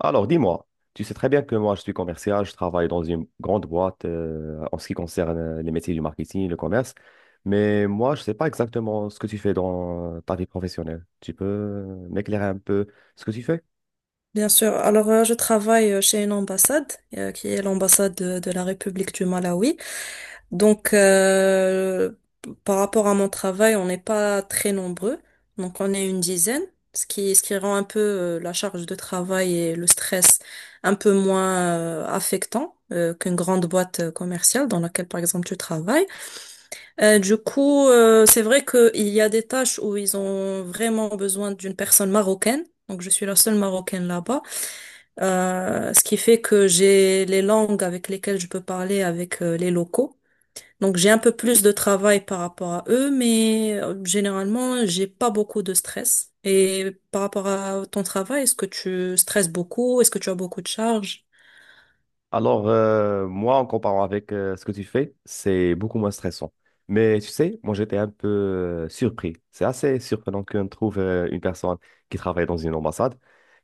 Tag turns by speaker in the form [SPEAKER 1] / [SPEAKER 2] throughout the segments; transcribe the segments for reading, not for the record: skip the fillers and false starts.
[SPEAKER 1] Alors, dis-moi, tu sais très bien que moi, je suis commercial, je travaille dans une grande boîte, en ce qui concerne les métiers du marketing, le commerce, mais moi, je ne sais pas exactement ce que tu fais dans ta vie professionnelle. Tu peux m'éclairer un peu ce que tu fais?
[SPEAKER 2] Bien sûr. Alors, je travaille chez une ambassade, qui est l'ambassade de la République du Malawi. Donc, euh, Par rapport à mon travail, on n'est pas très nombreux. Donc, on est une dizaine, ce qui rend un peu la charge de travail et le stress un peu moins affectant qu'une grande boîte commerciale dans laquelle, par exemple, tu travailles. Du coup, c'est vrai qu'il y a des tâches où ils ont vraiment besoin d'une personne marocaine. Donc, je suis la seule marocaine là-bas. Ce qui fait que j'ai les langues avec lesquelles je peux parler avec les locaux. Donc, j'ai un peu plus de travail par rapport à eux, mais généralement, j'ai pas beaucoup de stress. Et par rapport à ton travail, est-ce que tu stresses beaucoup? Est-ce que tu as beaucoup de charges?
[SPEAKER 1] Alors, moi, en comparant avec ce que tu fais, c'est beaucoup moins stressant. Mais tu sais, moi, j'étais un peu surpris. C'est assez surprenant qu'on trouve une personne qui travaille dans une ambassade.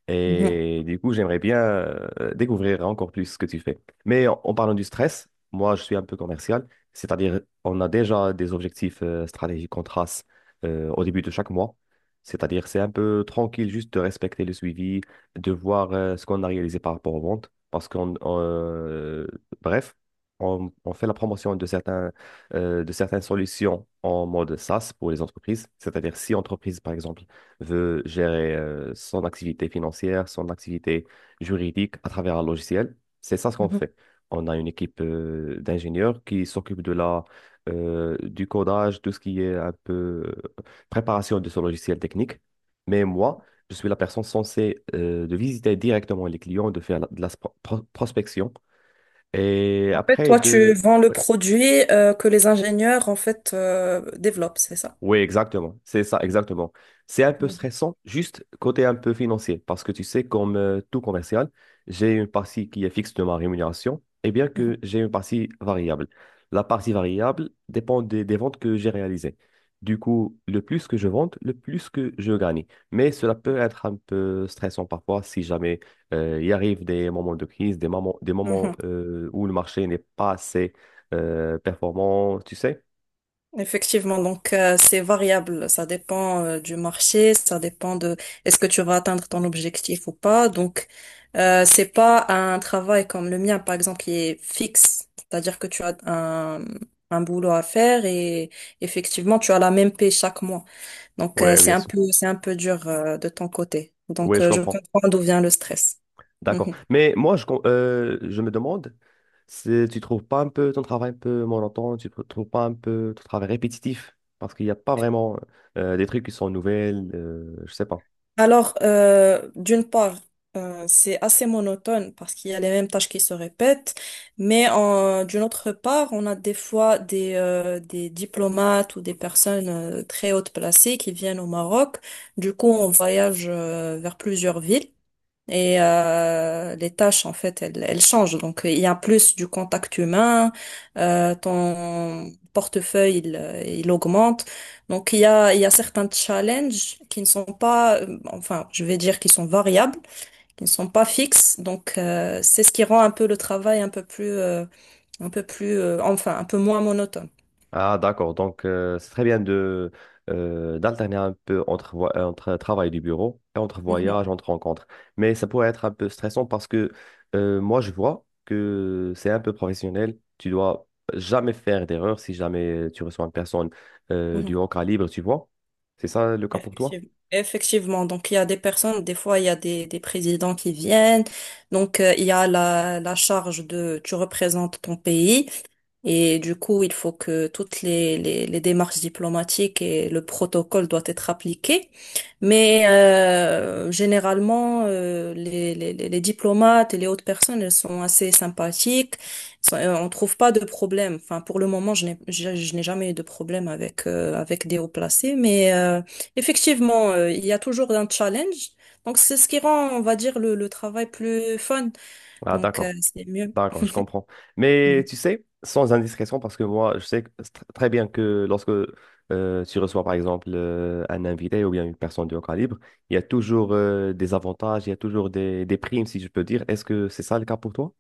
[SPEAKER 1] Et du coup, j'aimerais bien découvrir encore plus ce que tu fais. Mais en parlant du stress, moi, je suis un peu commercial, c'est-à-dire on a déjà des objectifs stratégiques qu'on trace au début de chaque mois. C'est-à-dire c'est un peu tranquille juste de respecter le suivi, de voir ce qu'on a réalisé par rapport aux ventes. Parce qu'on, on, bref, on fait la promotion de certaines solutions en mode SaaS pour les entreprises. C'est-à-dire si entreprise, par exemple, veut gérer son activité financière, son activité juridique à travers un logiciel. C'est ça ce qu'on
[SPEAKER 2] Mhm.
[SPEAKER 1] fait. On a une équipe d'ingénieurs qui s'occupe du codage, tout ce qui est un peu préparation de ce logiciel technique. Mais moi, je suis la personne censée de visiter directement les clients, de faire la- de la sp- pro- prospection et
[SPEAKER 2] En fait,
[SPEAKER 1] après
[SPEAKER 2] toi, tu
[SPEAKER 1] de...
[SPEAKER 2] vends le
[SPEAKER 1] Oui,
[SPEAKER 2] produit que les ingénieurs, en fait, développent, c'est ça?
[SPEAKER 1] Oui, exactement. C'est ça, exactement. C'est un peu stressant, juste côté un peu financier, parce que tu sais, comme tout commercial, j'ai une partie qui est fixe de ma rémunération, et bien
[SPEAKER 2] Mhm.
[SPEAKER 1] que j'ai une partie variable. La partie variable dépend des ventes que j'ai réalisées. Du coup, le plus que je vende, le plus que je gagne. Mais cela peut être un peu stressant parfois si jamais il arrive des moments de crise, des moments
[SPEAKER 2] Mhm.
[SPEAKER 1] où le marché n'est pas assez performant, tu sais.
[SPEAKER 2] Effectivement, donc c'est variable, ça dépend du marché, ça dépend de est-ce que tu vas atteindre ton objectif ou pas. Donc c'est pas un travail comme le mien par exemple qui est fixe, c'est-à-dire que tu as un boulot à faire et effectivement tu as la même paie chaque mois. Donc
[SPEAKER 1] Ouais, bien sûr.
[SPEAKER 2] c'est un peu dur de ton côté.
[SPEAKER 1] Oui,
[SPEAKER 2] Donc
[SPEAKER 1] je
[SPEAKER 2] je
[SPEAKER 1] comprends.
[SPEAKER 2] comprends d'où vient le stress.
[SPEAKER 1] D'accord.
[SPEAKER 2] Mhm.
[SPEAKER 1] Mais moi, je me demande si tu trouves pas un peu ton travail un peu monotone, tu ne trouves pas un peu ton travail répétitif, parce qu'il n'y a pas vraiment des trucs qui sont nouvelles, je sais pas.
[SPEAKER 2] Alors, d'une part, c'est assez monotone parce qu'il y a les mêmes tâches qui se répètent, mais d'une autre part, on a des fois des diplomates ou des personnes très hautes placées qui viennent au Maroc. Du coup, on voyage vers plusieurs villes. Et les tâches, en fait, elles changent. Donc, il y a plus du contact humain, ton portefeuille, il augmente. Donc, il y a certains challenges qui ne sont pas, enfin, je vais dire qui sont variables, qui ne sont pas fixes. Donc, c'est ce qui rend un peu le travail un peu plus, enfin, un peu moins monotone.
[SPEAKER 1] Ah, d'accord. Donc, c'est très bien de d'alterner un peu entre travail du bureau et entre
[SPEAKER 2] Mhm,
[SPEAKER 1] voyage, entre rencontres. Mais ça pourrait être un peu stressant parce que moi, je vois que c'est un peu professionnel. Tu dois jamais faire d'erreur si jamais tu reçois une personne du
[SPEAKER 2] mhm.
[SPEAKER 1] haut calibre, tu vois. C'est ça le cas pour toi?
[SPEAKER 2] Effectivement. Effectivement. Donc, il y a des personnes, des fois, il y a des présidents qui viennent. Donc, il y a la charge de tu représentes ton pays. Et du coup, il faut que toutes les démarches diplomatiques et le protocole doivent être appliqués. Mais généralement, les diplomates et les autres personnes, elles sont assez sympathiques. On trouve pas de problème. Enfin, pour le moment, je n'ai jamais eu de problème avec avec des hauts placés. Mais effectivement, il y a toujours un challenge. Donc, c'est ce qui rend, on va dire, le travail plus fun.
[SPEAKER 1] Ah,
[SPEAKER 2] Donc,
[SPEAKER 1] d'accord.
[SPEAKER 2] c'est mieux.
[SPEAKER 1] D'accord, je comprends. Mais
[SPEAKER 2] Mhm.
[SPEAKER 1] tu sais, sans indiscrétion, parce que moi, je sais très bien que lorsque tu reçois, par exemple, un invité ou bien une personne de haut calibre, il y a toujours des avantages, il y a toujours des primes, si je peux dire. Est-ce que c'est ça le cas pour toi?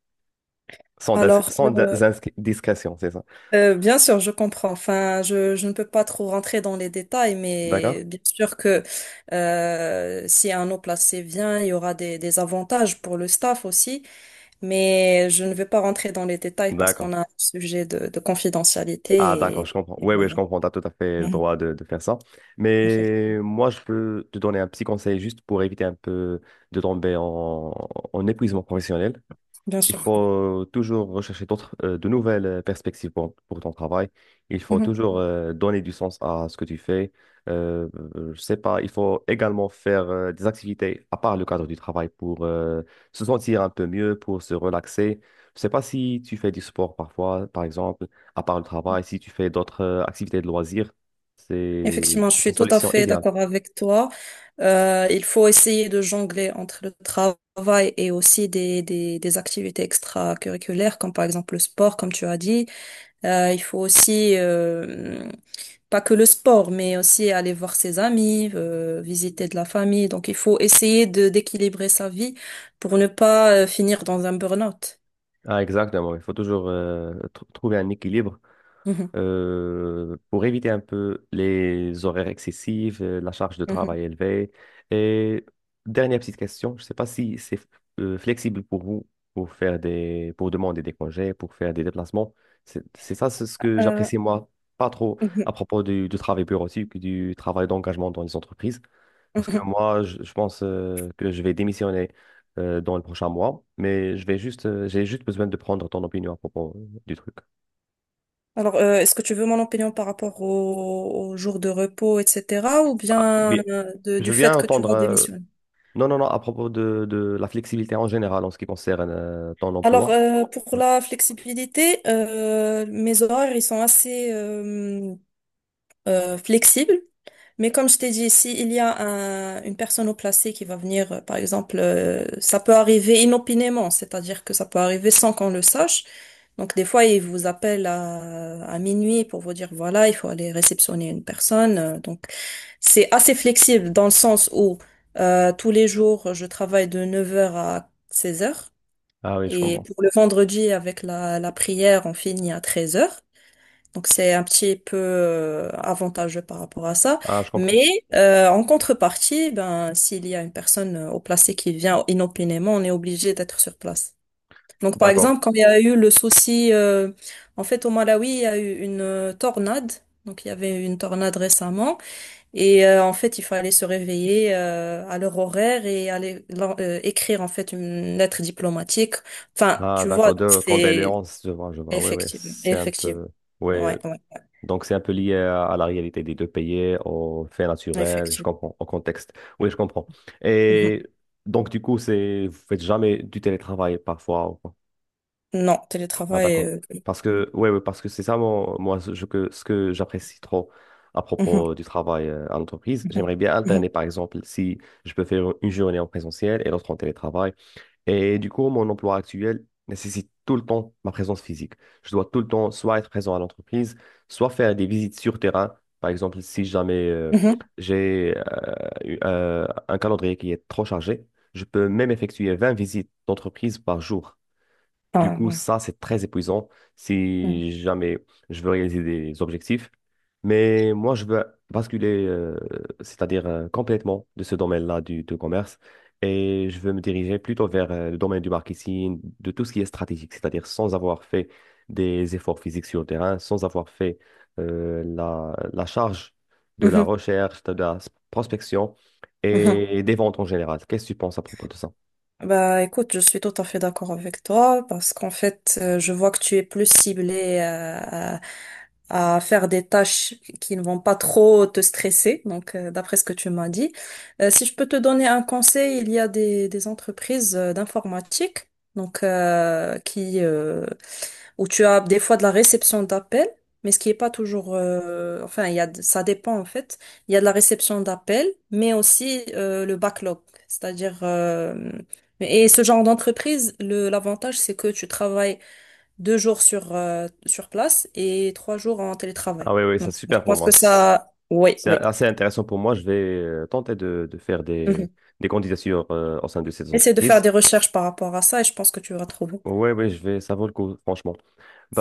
[SPEAKER 1] Sans, dis-
[SPEAKER 2] Alors,
[SPEAKER 1] sans dis-
[SPEAKER 2] euh,
[SPEAKER 1] inscri- discrétion, c'est ça.
[SPEAKER 2] Bien sûr, je comprends. Enfin, je ne peux pas trop rentrer dans les détails,
[SPEAKER 1] D'accord?
[SPEAKER 2] mais bien sûr que si un eau placé vient, il y aura des avantages pour le staff aussi, mais je ne vais pas rentrer dans les détails parce
[SPEAKER 1] D'accord.
[SPEAKER 2] qu'on a un sujet de
[SPEAKER 1] Ah,
[SPEAKER 2] confidentialité
[SPEAKER 1] d'accord, je comprends.
[SPEAKER 2] et
[SPEAKER 1] Oui, oui, je
[SPEAKER 2] voilà.
[SPEAKER 1] comprends. Tu as tout à fait le
[SPEAKER 2] Mhm.
[SPEAKER 1] droit de faire ça.
[SPEAKER 2] Effect-
[SPEAKER 1] Mais moi, je peux te donner un petit conseil juste pour éviter un peu de tomber en épuisement professionnel.
[SPEAKER 2] Bien
[SPEAKER 1] Il
[SPEAKER 2] sûr.
[SPEAKER 1] faut toujours rechercher de nouvelles perspectives pour ton travail. Il faut
[SPEAKER 2] Mhm.
[SPEAKER 1] toujours donner du sens à ce que tu fais. Euh, je sais pas, il faut également faire des activités à part le cadre du travail pour se sentir un peu mieux, pour se relaxer. Je sais pas si tu fais du sport parfois, par exemple, à part le travail, si tu fais d'autres activités de loisirs, c'est
[SPEAKER 2] Effectivement, je
[SPEAKER 1] c'est une
[SPEAKER 2] suis tout à
[SPEAKER 1] solution
[SPEAKER 2] fait
[SPEAKER 1] idéale.
[SPEAKER 2] d'accord avec toi. Il faut essayer de jongler entre le travail et aussi des activités extracurriculaires, comme par exemple le sport, comme tu as dit. Il faut aussi, pas que le sport, mais aussi aller voir ses amis, visiter de la famille. Donc, il faut essayer de d'équilibrer sa vie pour ne pas finir dans un burn-out.
[SPEAKER 1] Ah, exactement. Il faut toujours trouver un équilibre
[SPEAKER 2] Mhm,
[SPEAKER 1] pour éviter un peu les horaires excessifs, la charge de
[SPEAKER 2] mhm.
[SPEAKER 1] travail élevée. Et dernière petite question, je ne sais pas si c'est flexible pour vous pour pour demander des congés, pour faire des déplacements. C'est ça, c'est ce que
[SPEAKER 2] Euh,
[SPEAKER 1] j'apprécie moi pas trop
[SPEAKER 2] Mhm,
[SPEAKER 1] à propos du travail bureautique, du travail d'engagement dans les entreprises. Parce que
[SPEAKER 2] mhm.
[SPEAKER 1] moi, je pense que je vais démissionner dans le prochain mois, mais je vais j'ai juste besoin de prendre ton opinion à propos du truc.
[SPEAKER 2] Alors, est-ce que tu veux mon opinion par rapport au jour de repos, etc., ou
[SPEAKER 1] Ah,
[SPEAKER 2] bien
[SPEAKER 1] oui, je
[SPEAKER 2] du
[SPEAKER 1] viens
[SPEAKER 2] fait que tu
[SPEAKER 1] entendre.
[SPEAKER 2] vas démissionner?
[SPEAKER 1] Non, non, non, à propos de la flexibilité en général en ce qui concerne ton
[SPEAKER 2] Alors,
[SPEAKER 1] emploi.
[SPEAKER 2] pour
[SPEAKER 1] Ouais.
[SPEAKER 2] la flexibilité, mes horaires, ils sont assez flexibles. Mais comme je t'ai dit, si il y a un- une personne au placé qui va venir, par exemple, ça peut arriver inopinément, c'est-à-dire que ça peut arriver sans qu'on le sache. Donc, des fois, ils vous appellent à minuit pour vous dire, voilà, il faut aller réceptionner une personne. C'est assez flexible dans le sens où tous les jours, je travaille de 9 heures à 16 heures.
[SPEAKER 1] Ah oui, je
[SPEAKER 2] Et
[SPEAKER 1] comprends.
[SPEAKER 2] pour le vendredi, avec la prière, on finit à 13 heures. Donc c'est un petit peu avantageux par rapport à ça.
[SPEAKER 1] Ah, je comprends.
[SPEAKER 2] Mais en contrepartie, ben, s'il y a une personne au placé qui vient inopinément, on est obligé d'être sur place. Donc par
[SPEAKER 1] D'accord.
[SPEAKER 2] exemple, quand il y a eu le souci, en fait au Malawi, il y a eu une tornade. Donc il y avait une tornade récemment. Et en fait, il fallait se réveiller à leur horaire et aller écrire en fait une lettre diplomatique. Enfin,
[SPEAKER 1] Ah,
[SPEAKER 2] tu vois,
[SPEAKER 1] d'accord. De
[SPEAKER 2] c'est
[SPEAKER 1] condoléances, je vois, je vois. Oui, oui,
[SPEAKER 2] effectivement,
[SPEAKER 1] c'est un
[SPEAKER 2] effectivement,
[SPEAKER 1] peu. Oui,
[SPEAKER 2] ouais, ouais,
[SPEAKER 1] donc, c'est un peu lié à la réalité des deux pays, aux faits naturels, je
[SPEAKER 2] effectivement.
[SPEAKER 1] comprends, au contexte. Oui, je comprends.
[SPEAKER 2] Mhm.
[SPEAKER 1] Et donc, du coup, c'est, vous faites jamais du télétravail parfois. Ou quoi?
[SPEAKER 2] Non,
[SPEAKER 1] Ah,
[SPEAKER 2] télétravail.
[SPEAKER 1] d'accord. Parce que, ouais, ouais, parce que c'est ça, mon- moi, ce je- que, ce que j'apprécie trop à
[SPEAKER 2] Mhm,
[SPEAKER 1] propos du travail à l'entreprise.
[SPEAKER 2] mhm,
[SPEAKER 1] J'aimerais bien alterner,
[SPEAKER 2] mhm,
[SPEAKER 1] par exemple, si je peux faire une journée en présentiel et l'autre en télétravail. Et du coup, mon emploi actuel nécessite tout le temps ma présence physique. Je dois tout le temps soit être présent à l'entreprise, soit faire des visites sur terrain. Par exemple, si jamais
[SPEAKER 2] mhm.
[SPEAKER 1] j'ai euh, un calendrier qui est trop chargé, je peux même effectuer 20 visites d'entreprise par jour. Du
[SPEAKER 2] Ah,
[SPEAKER 1] coup,
[SPEAKER 2] ouais.
[SPEAKER 1] ça, c'est très épuisant si jamais je veux réaliser des objectifs. Mais moi, je veux basculer, c'est-à-dire complètement de ce domaine-là du commerce. Et je veux me diriger plutôt vers le domaine du marketing, de tout ce qui est stratégique, c'est-à-dire sans avoir fait des efforts physiques sur le terrain, sans avoir fait la charge de la
[SPEAKER 2] Mhm,
[SPEAKER 1] recherche, de la prospection
[SPEAKER 2] mhm, mhm.
[SPEAKER 1] et des ventes en général. Qu'est-ce que tu penses à propos de ça?
[SPEAKER 2] Bah écoute, je suis tout à fait d'accord avec toi parce qu'en fait, je vois que tu es plus ciblée à faire des tâches qui ne vont pas trop te stresser, donc d'après ce que tu m'as dit. Si je peux te donner un conseil, il y a des entreprises d'informatique donc où tu as des fois de la réception d'appels, mais ce qui est pas toujours, enfin, il y a, de- ça dépend en fait. Il y a de la réception d'appels, mais aussi le backlog, c'est-à-dire et ce genre d'entreprise, le l'avantage c'est que tu travailles deux jours sur place et trois jours en télétravail.
[SPEAKER 1] Ah oui, oui, c'est
[SPEAKER 2] Donc, je
[SPEAKER 1] super pour
[SPEAKER 2] pense
[SPEAKER 1] moi.
[SPEAKER 2] que ça, oui,
[SPEAKER 1] C'est
[SPEAKER 2] oui.
[SPEAKER 1] assez intéressant pour moi. Je vais tenter de faire
[SPEAKER 2] Mhm.
[SPEAKER 1] des candidatures au sein de ces
[SPEAKER 2] Essaie de faire
[SPEAKER 1] entreprises.
[SPEAKER 2] des recherches par rapport à ça et je pense que tu vas trouver.
[SPEAKER 1] Oui, oui, je vais, ça vaut le coup, franchement.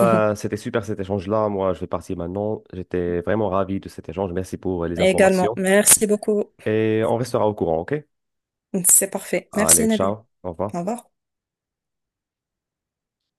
[SPEAKER 2] Mhm.
[SPEAKER 1] c'était super cet échange-là. Moi, je vais partir maintenant. J'étais vraiment ravi de cet échange. Merci pour les
[SPEAKER 2] Également,
[SPEAKER 1] informations.
[SPEAKER 2] merci beaucoup.
[SPEAKER 1] Et on restera au courant, OK?
[SPEAKER 2] C'est parfait. Merci
[SPEAKER 1] Allez,
[SPEAKER 2] Nabil.
[SPEAKER 1] ciao. Au
[SPEAKER 2] Au
[SPEAKER 1] revoir.
[SPEAKER 2] revoir.